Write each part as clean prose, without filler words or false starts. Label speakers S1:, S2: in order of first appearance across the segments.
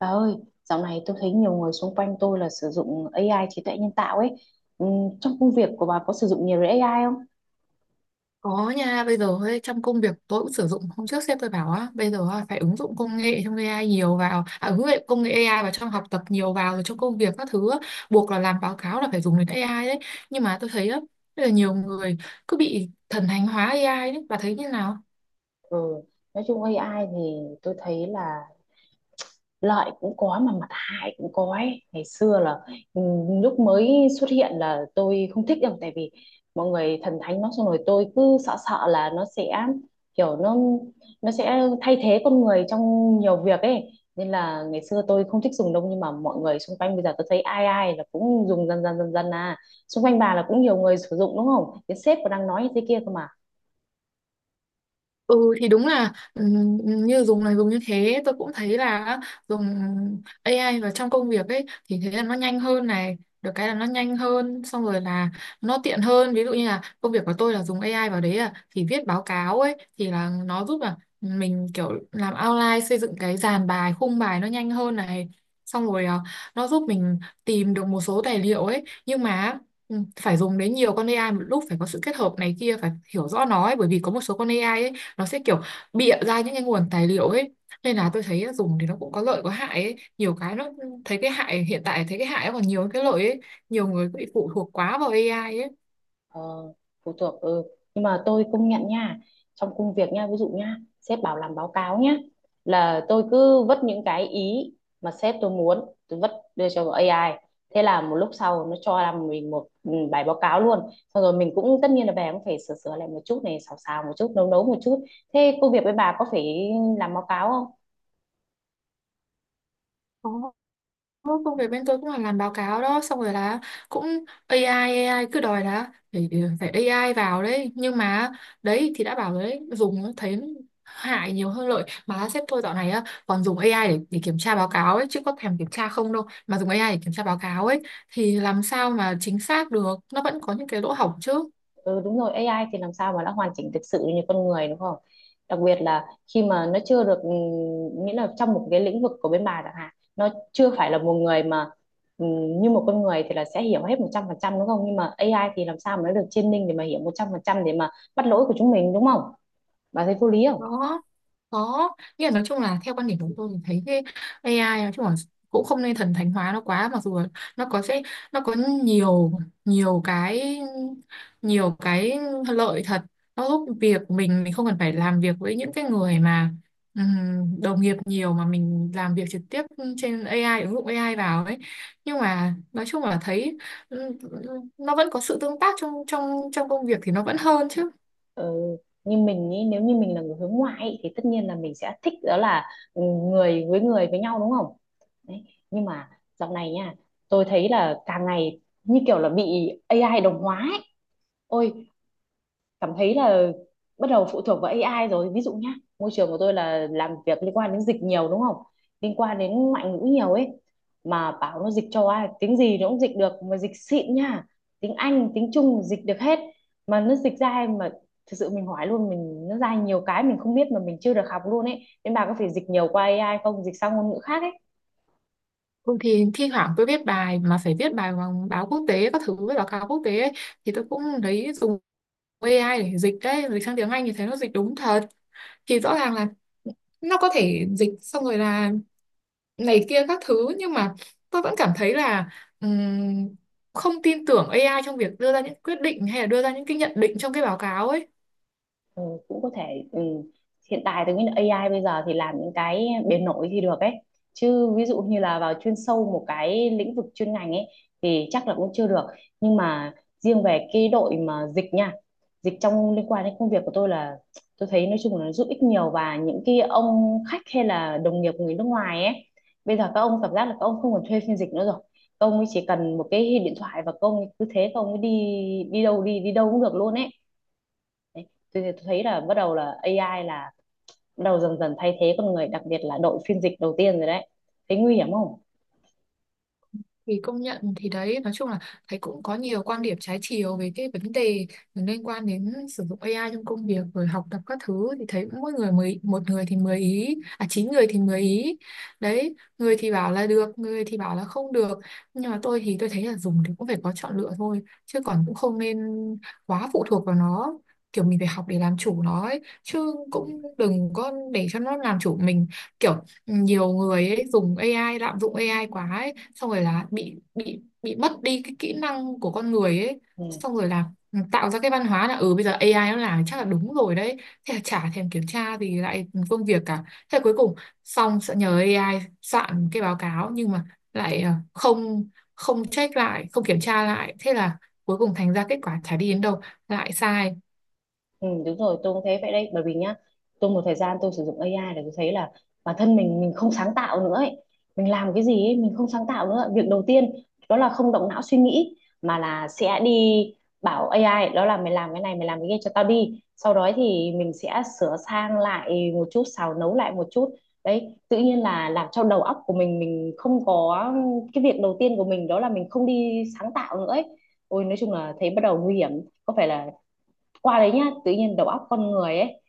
S1: Bà ơi, dạo này tôi thấy nhiều người xung quanh tôi là sử dụng AI trí tuệ nhân tạo ấy. Ừm, Trong công việc của bà có sử dụng nhiều AI không?
S2: Có nha, bây giờ ấy, trong công việc tôi cũng sử dụng hôm trước sếp tôi bảo á, bây giờ á, phải ứng dụng công nghệ trong AI nhiều vào, ứng dụng công nghệ AI vào trong học tập nhiều vào rồi trong công việc các thứ á, buộc là làm báo cáo là phải dùng đến AI đấy. Nhưng mà tôi thấy á, rất là nhiều người cứ bị thần thánh hóa AI đấy, bà thấy như nào?
S1: Ừ, nói chung AI thì tôi thấy là lợi cũng có mà mặt hại cũng có ấy. Ngày xưa là ừ, lúc mới xuất hiện là tôi không thích đâu, tại vì mọi người thần thánh nó xong rồi tôi cứ sợ sợ là nó sẽ kiểu nó sẽ thay thế con người trong nhiều việc ấy, nên là ngày xưa tôi không thích dùng đâu. Nhưng mà mọi người xung quanh bây giờ tôi thấy ai ai là cũng dùng dần dần dần dần à. Xung quanh bà là cũng nhiều người sử dụng đúng không, cái sếp còn đang nói như thế kia cơ mà.
S2: Ừ thì đúng là như dùng này dùng như thế tôi cũng thấy là dùng AI vào trong công việc ấy thì thế là nó nhanh hơn này được cái là nó nhanh hơn xong rồi là nó tiện hơn, ví dụ như là công việc của tôi là dùng AI vào đấy à thì viết báo cáo ấy thì là nó giúp là mình kiểu làm outline xây dựng cái dàn bài khung bài nó nhanh hơn này, xong rồi à, nó giúp mình tìm được một số tài liệu ấy, nhưng mà ừ, phải dùng đến nhiều con AI một lúc phải có sự kết hợp này kia phải hiểu rõ nó ấy, bởi vì có một số con AI ấy nó sẽ kiểu bịa ra những cái nguồn tài liệu ấy, nên là tôi thấy dùng thì nó cũng có lợi có hại ấy. Nhiều cái nó thấy cái hại, hiện tại thấy cái hại còn nhiều hơn cái lợi ấy, nhiều người bị phụ thuộc quá vào AI
S1: Ờ, phụ thuộc ừ. Nhưng mà tôi công nhận nha, trong công việc nha, ví dụ nha, sếp bảo làm báo cáo nhá, là tôi cứ vất những cái ý mà sếp tôi muốn tôi vất, đưa cho AI, thế là một lúc sau nó cho làm mình một bài báo cáo luôn, xong rồi mình cũng tất nhiên là về cũng phải sửa sửa lại một chút, này xào xào một chút, nấu nấu một chút. Thế công việc với bà có phải làm báo cáo không?
S2: ấy. Ô, công việc bên tôi cũng là làm báo cáo đó, xong rồi là cũng AI, AI cứ đòi là phải phải AI vào đấy, nhưng mà đấy thì đã bảo rồi đấy, dùng thấy hại nhiều hơn lợi, mà sếp tôi dạo này á còn dùng AI để kiểm tra báo cáo ấy chứ có thèm kiểm tra không đâu, mà dùng AI để kiểm tra báo cáo ấy thì làm sao mà chính xác được, nó vẫn có những cái lỗ hổng chứ.
S1: Ừ, đúng rồi, AI thì làm sao mà đã hoàn chỉnh thực sự như con người đúng không? Đặc biệt là khi mà nó chưa được nghĩa là trong một cái lĩnh vực của bên bà chẳng hạn, nó chưa phải là một người mà như một con người thì là sẽ hiểu hết 100% đúng không? Nhưng mà AI thì làm sao mà nó được training để mà hiểu 100% để mà bắt lỗi của chúng mình đúng không? Bà thấy vô lý không?
S2: Có có nghĩa là nói chung là theo quan điểm của tôi thì thấy cái AI nói chung là cũng không nên thần thánh hóa nó quá, mặc dù là nó có sẽ nó có nhiều, nhiều cái nhiều cái lợi thật, nó giúp việc của mình không cần phải làm việc với những cái người mà đồng nghiệp nhiều mà mình làm việc trực tiếp trên AI, ứng dụng AI vào ấy, nhưng mà nói chung là thấy ừm, nó vẫn có sự tương tác trong trong trong công việc thì nó vẫn hơn chứ.
S1: Ừ. Như mình ý, nếu như mình là người hướng ngoại ý, thì tất nhiên là mình sẽ thích đó là người với nhau đúng không? Đấy. Nhưng mà dạo này nha, tôi thấy là càng ngày như kiểu là bị AI đồng hóa ấy. Ôi, cảm thấy là bắt đầu phụ thuộc vào AI rồi. Ví dụ nhá, môi trường của tôi là làm việc liên quan đến dịch nhiều đúng không, liên quan đến ngoại ngữ nhiều ấy, mà bảo nó dịch cho ai tiếng gì nó cũng dịch được, mà dịch xịn nha, tiếng Anh tiếng Trung dịch được hết, mà nó dịch ra em mà thực sự mình hỏi luôn mình, nó ra nhiều cái mình không biết mà mình chưa được học luôn ấy, nên bà có phải dịch nhiều qua AI không, dịch sang ngôn ngữ khác?
S2: Ừ, thì thi thoảng tôi viết bài mà phải viết bài bằng báo quốc tế các thứ với báo cáo quốc tế ấy, thì tôi cũng lấy dùng AI để dịch đấy, dịch sang tiếng Anh thì thấy nó dịch đúng thật, thì rõ ràng là nó có thể dịch, xong rồi là này kia các thứ, nhưng mà tôi vẫn cảm thấy là ừm, không tin tưởng AI trong việc đưa ra những quyết định hay là đưa ra những cái nhận định trong cái báo cáo ấy.
S1: Ừ, cũng có thể. Hiện tại tôi nghĩ là AI bây giờ thì làm những cái bề nổi thì được ấy, chứ ví dụ như là vào chuyên sâu một cái lĩnh vực chuyên ngành ấy thì chắc là cũng chưa được. Nhưng mà riêng về cái đội mà dịch nha, dịch trong liên quan đến công việc của tôi là tôi thấy nói chung là nó giúp ích nhiều, và những cái ông khách hay là đồng nghiệp người nước ngoài ấy, bây giờ các ông cảm giác là các ông không còn thuê phiên dịch nữa rồi, các ông ấy chỉ cần một cái điện thoại và các ông ấy cứ thế các ông ấy đi, đi đâu đi đi đâu cũng được luôn ấy. Đấy. Tôi thấy là bắt đầu là AI là bắt đầu dần dần thay thế con người, đặc biệt là đội phiên dịch đầu tiên rồi đấy, thấy nguy hiểm không?
S2: Thì công nhận, thì đấy nói chung là thấy cũng có nhiều quan điểm trái chiều về cái vấn đề liên quan đến sử dụng AI trong công việc rồi học tập các thứ, thì thấy mỗi người mười một người thì mười ý à, chín người thì mười ý đấy, người thì bảo là được, người thì bảo là không được, nhưng mà tôi thì tôi thấy là dùng thì cũng phải có chọn lựa thôi, chứ còn cũng không nên quá phụ thuộc vào nó, kiểu mình phải học để làm chủ nó ấy. Chứ cũng đừng có để cho nó làm chủ mình, kiểu nhiều người ấy dùng AI, lạm dụng AI quá ấy, xong rồi là bị bị mất đi cái kỹ năng của con người ấy,
S1: Ừ.
S2: xong rồi là ừ, tạo ra cái văn hóa là ừ bây giờ AI nó làm chắc là đúng rồi đấy, thế là chả thèm kiểm tra thì lại công việc cả, thế là cuối cùng xong sẽ nhờ AI soạn cái báo cáo nhưng mà lại không không check lại, không kiểm tra lại, thế là cuối cùng thành ra kết quả chả đi đến đâu, lại sai.
S1: Ừ, đúng rồi, tôi cũng thấy vậy đấy, bởi vì nhá tôi một thời gian tôi sử dụng AI để tôi thấy là bản thân mình không sáng tạo nữa ấy. Mình làm cái gì ấy, mình không sáng tạo nữa, việc đầu tiên đó là không động não suy nghĩ, mà là sẽ đi bảo AI đó là mày làm cái này mày làm cái kia cho tao đi, sau đó thì mình sẽ sửa sang lại một chút, xào nấu lại một chút. Đấy, tự nhiên là làm cho đầu óc của mình không có, cái việc đầu tiên của mình đó là mình không đi sáng tạo nữa ấy. Ôi nói chung là thấy bắt đầu nguy hiểm, có phải là qua đấy nhá tự nhiên đầu óc con người ấy,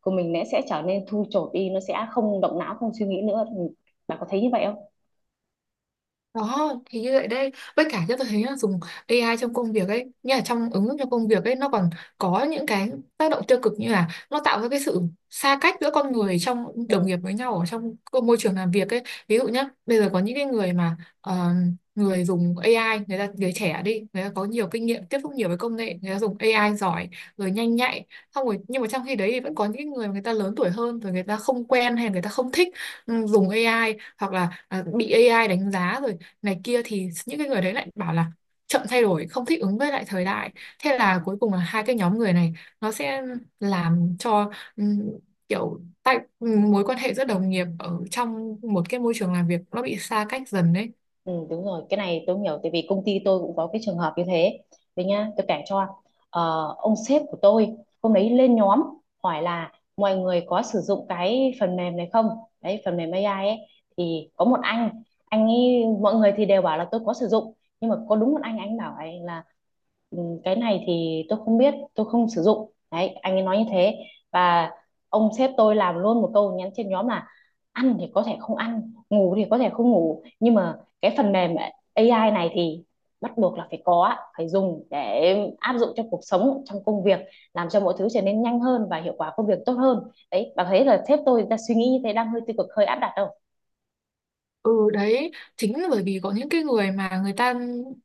S1: của mình nó sẽ trở nên thui chột đi, nó sẽ không động não không suy nghĩ nữa. Bạn có thấy như vậy không?
S2: Đó, thì như vậy đây, với cả cho tôi thấy là dùng AI trong công việc ấy, như là trong ứng dụng trong công việc ấy, nó còn có những cái tác động tiêu cực, như là nó tạo ra cái sự xa cách giữa con người trong đồng
S1: Ừ.
S2: nghiệp với nhau ở trong cái môi trường làm việc ấy. Ví dụ nhá, bây giờ có những cái người mà người dùng AI, người ta người trẻ đi, người ta có nhiều kinh nghiệm tiếp xúc nhiều với công nghệ, người ta dùng AI giỏi, rồi nhanh nhạy. Xong rồi nhưng mà trong khi đấy thì vẫn có những cái người mà người ta lớn tuổi hơn rồi, người ta không quen hay là người ta không thích ừ, dùng AI, hoặc là bị AI đánh giá rồi này kia, thì những cái người đấy lại bảo là chậm thay đổi, không thích ứng với lại thời đại, thế là cuối cùng là hai cái nhóm người này nó sẽ làm cho ừm, kiểu tại mối quan hệ giữa đồng nghiệp ở trong một cái môi trường làm việc nó bị xa cách dần đấy.
S1: Ừ, đúng rồi, cái này tôi hiểu tại vì công ty tôi cũng có cái trường hợp như thế. Đấy nhá, tôi kể cho. Ờ, ông sếp của tôi hôm đấy lên nhóm hỏi là mọi người có sử dụng cái phần mềm này không, đấy phần mềm AI ấy, thì có một anh ấy mọi người thì đều bảo là tôi có sử dụng, nhưng mà có đúng một anh bảo ấy là "Ừ, cái này thì tôi không biết tôi không sử dụng", đấy anh ấy nói như thế, và ông sếp tôi làm luôn một câu nhắn trên nhóm là ăn thì có thể không ăn, ngủ thì có thể không ngủ, nhưng mà cái phần mềm AI này thì bắt buộc là phải có, phải dùng để áp dụng trong cuộc sống trong công việc, làm cho mọi thứ trở nên nhanh hơn và hiệu quả công việc tốt hơn. Đấy, bạn thấy là sếp tôi đang suy nghĩ như thế đang hơi tiêu cực hơi áp đặt đâu.
S2: Ừ đấy, chính là bởi vì có những cái người mà người ta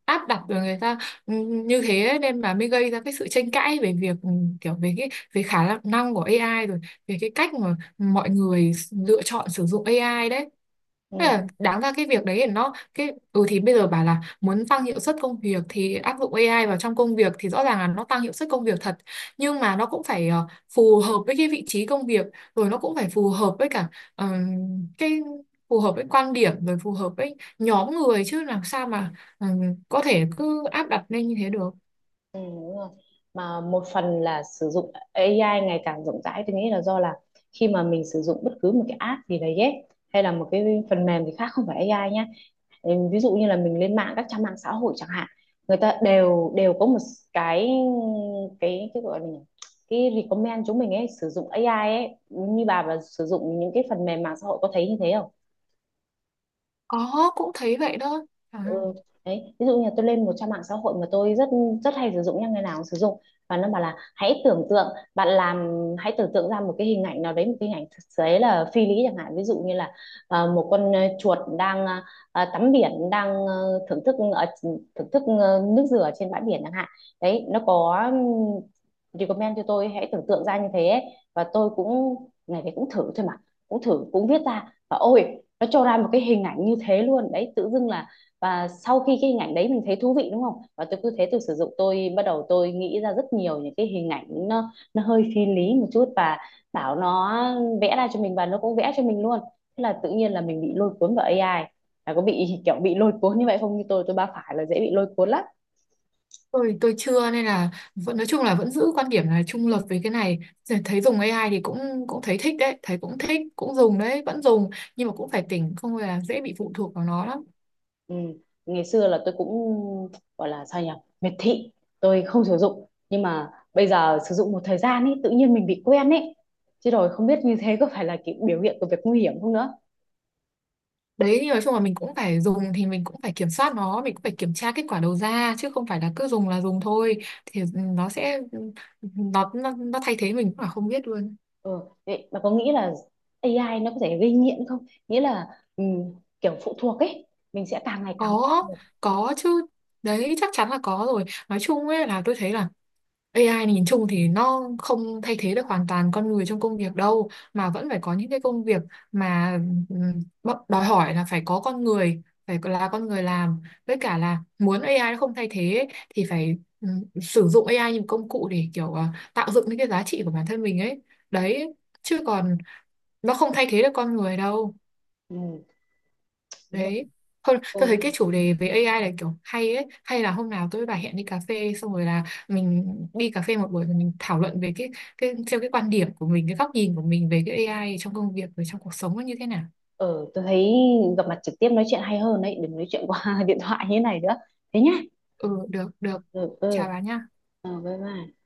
S2: áp đặt rồi, người ta ừ, như thế ấy, nên mà mới gây ra cái sự tranh cãi về việc ừ, kiểu về cái về khả năng của AI, rồi về cái cách mà mọi người lựa chọn sử dụng AI đấy. Thế
S1: Ừ,
S2: là đáng ra cái việc đấy thì nó cái ừ thì bây giờ bảo là muốn tăng hiệu suất công việc thì áp dụng AI vào trong công việc, thì rõ ràng là nó tăng hiệu suất công việc thật, nhưng mà nó cũng phải ờ, phù hợp với cái vị trí công việc, rồi nó cũng phải phù hợp với cả ờ, cái phù hợp với quan điểm, rồi phù hợp với nhóm người, chứ làm sao mà ừ, có thể cứ áp đặt lên như thế được.
S1: ừ, đúng rồi, mà một phần là sử dụng AI ngày càng rộng rãi tôi nghĩ là do là khi mà mình sử dụng bất cứ một cái app gì đấy ấy, hay là một cái phần mềm thì khác không phải AI nhá. Ừ, ví dụ như là mình lên mạng các trang mạng xã hội chẳng hạn, người ta đều đều có một cái, cái gọi là cái recommend chúng mình ấy sử dụng AI ấy, như bà và sử dụng những cái phần mềm mạng xã hội có thấy như thế không?
S2: Có, cũng thấy vậy đó. à,
S1: Ừ. Đấy, ví dụ như là tôi lên một trang mạng xã hội mà tôi rất rất hay sử dụng nha, ngày nào cũng sử dụng, và nó bảo là hãy tưởng tượng bạn làm, hãy tưởng tượng ra một cái hình ảnh nào đấy, một cái hình ảnh thực tế là phi lý chẳng hạn, ví dụ như là một con chuột đang tắm biển đang thưởng thức ở thưởng thức nước dừa trên bãi biển chẳng hạn. Đấy, nó có recommend cho tôi hãy tưởng tượng ra như thế ấy. Và tôi cũng ngày đấy cũng thử thôi mà, cũng thử cũng viết ra và ôi, nó cho ra một cái hình ảnh như thế luôn đấy tự dưng là. Và sau khi cái hình ảnh đấy mình thấy thú vị đúng không, và tôi cứ thế tôi sử dụng, tôi bắt đầu tôi nghĩ ra rất nhiều những cái hình ảnh, nó hơi phi lý một chút, và bảo nó vẽ ra cho mình, và nó cũng vẽ cho mình luôn, thế là tự nhiên là mình bị lôi cuốn vào AI. Là có bị kiểu bị lôi cuốn như vậy không, như tôi ba phải là dễ bị lôi cuốn lắm.
S2: tôi chưa, nên là vẫn nói chung là vẫn giữ quan điểm là trung lập về cái này. Rồi thấy dùng AI thì cũng cũng thấy thích đấy, thấy cũng thích cũng dùng đấy, vẫn dùng, nhưng mà cũng phải tỉnh, không là dễ bị phụ thuộc vào nó lắm.
S1: Ừ. Ngày xưa là tôi cũng gọi là sao nhỉ, miệt thị, tôi không sử dụng, nhưng mà bây giờ sử dụng một thời gian ấy tự nhiên mình bị quen ấy, chứ rồi không biết như thế có phải là cái biểu hiện của việc nguy hiểm không nữa.
S2: Đấy, nhưng nói chung là mình cũng phải dùng thì mình cũng phải kiểm soát nó, mình cũng phải kiểm tra kết quả đầu ra, chứ không phải là cứ dùng là dùng thôi, thì ừ, nó sẽ nó thay thế mình cũng là không biết luôn.
S1: Ừ, vậy bà có nghĩ là AI nó có thể gây nghiện không? Nghĩa là ừ, kiểu phụ thuộc ấy, mình sẽ càng ngày càng
S2: có
S1: phụ thuộc.
S2: có chứ, đấy chắc chắn là có rồi, nói chung ấy là tôi thấy là AI nhìn chung thì nó không thay thế được hoàn toàn con người trong công việc đâu, mà vẫn phải có những cái công việc mà đòi hỏi là phải có con người, phải là con người làm, với cả là muốn AI nó không thay thế ấy, thì phải sử dụng AI như một công cụ để kiểu ờ, tạo dựng những cái giá trị của bản thân mình ấy đấy, chứ còn nó không thay thế được con người đâu
S1: Ừ, đúng rồi.
S2: đấy. Thôi,
S1: Ừ,
S2: tôi thấy cái chủ đề về AI là kiểu hay ấy, hay là hôm nào tôi với bà hẹn đi cà phê, xong rồi là mình đi cà phê một buổi rồi mình thảo luận về cái theo cái quan điểm của mình, cái góc nhìn của mình về cái AI trong công việc và trong cuộc sống nó như thế nào.
S1: ừ, tôi thấy gặp mặt trực tiếp nói chuyện hay hơn đấy, đừng nói chuyện qua điện thoại như thế này nữa. Thế nhá.
S2: Ừ được được,
S1: Ừ,
S2: chào
S1: ừ,
S2: bà nha.
S1: ừ, bye bye.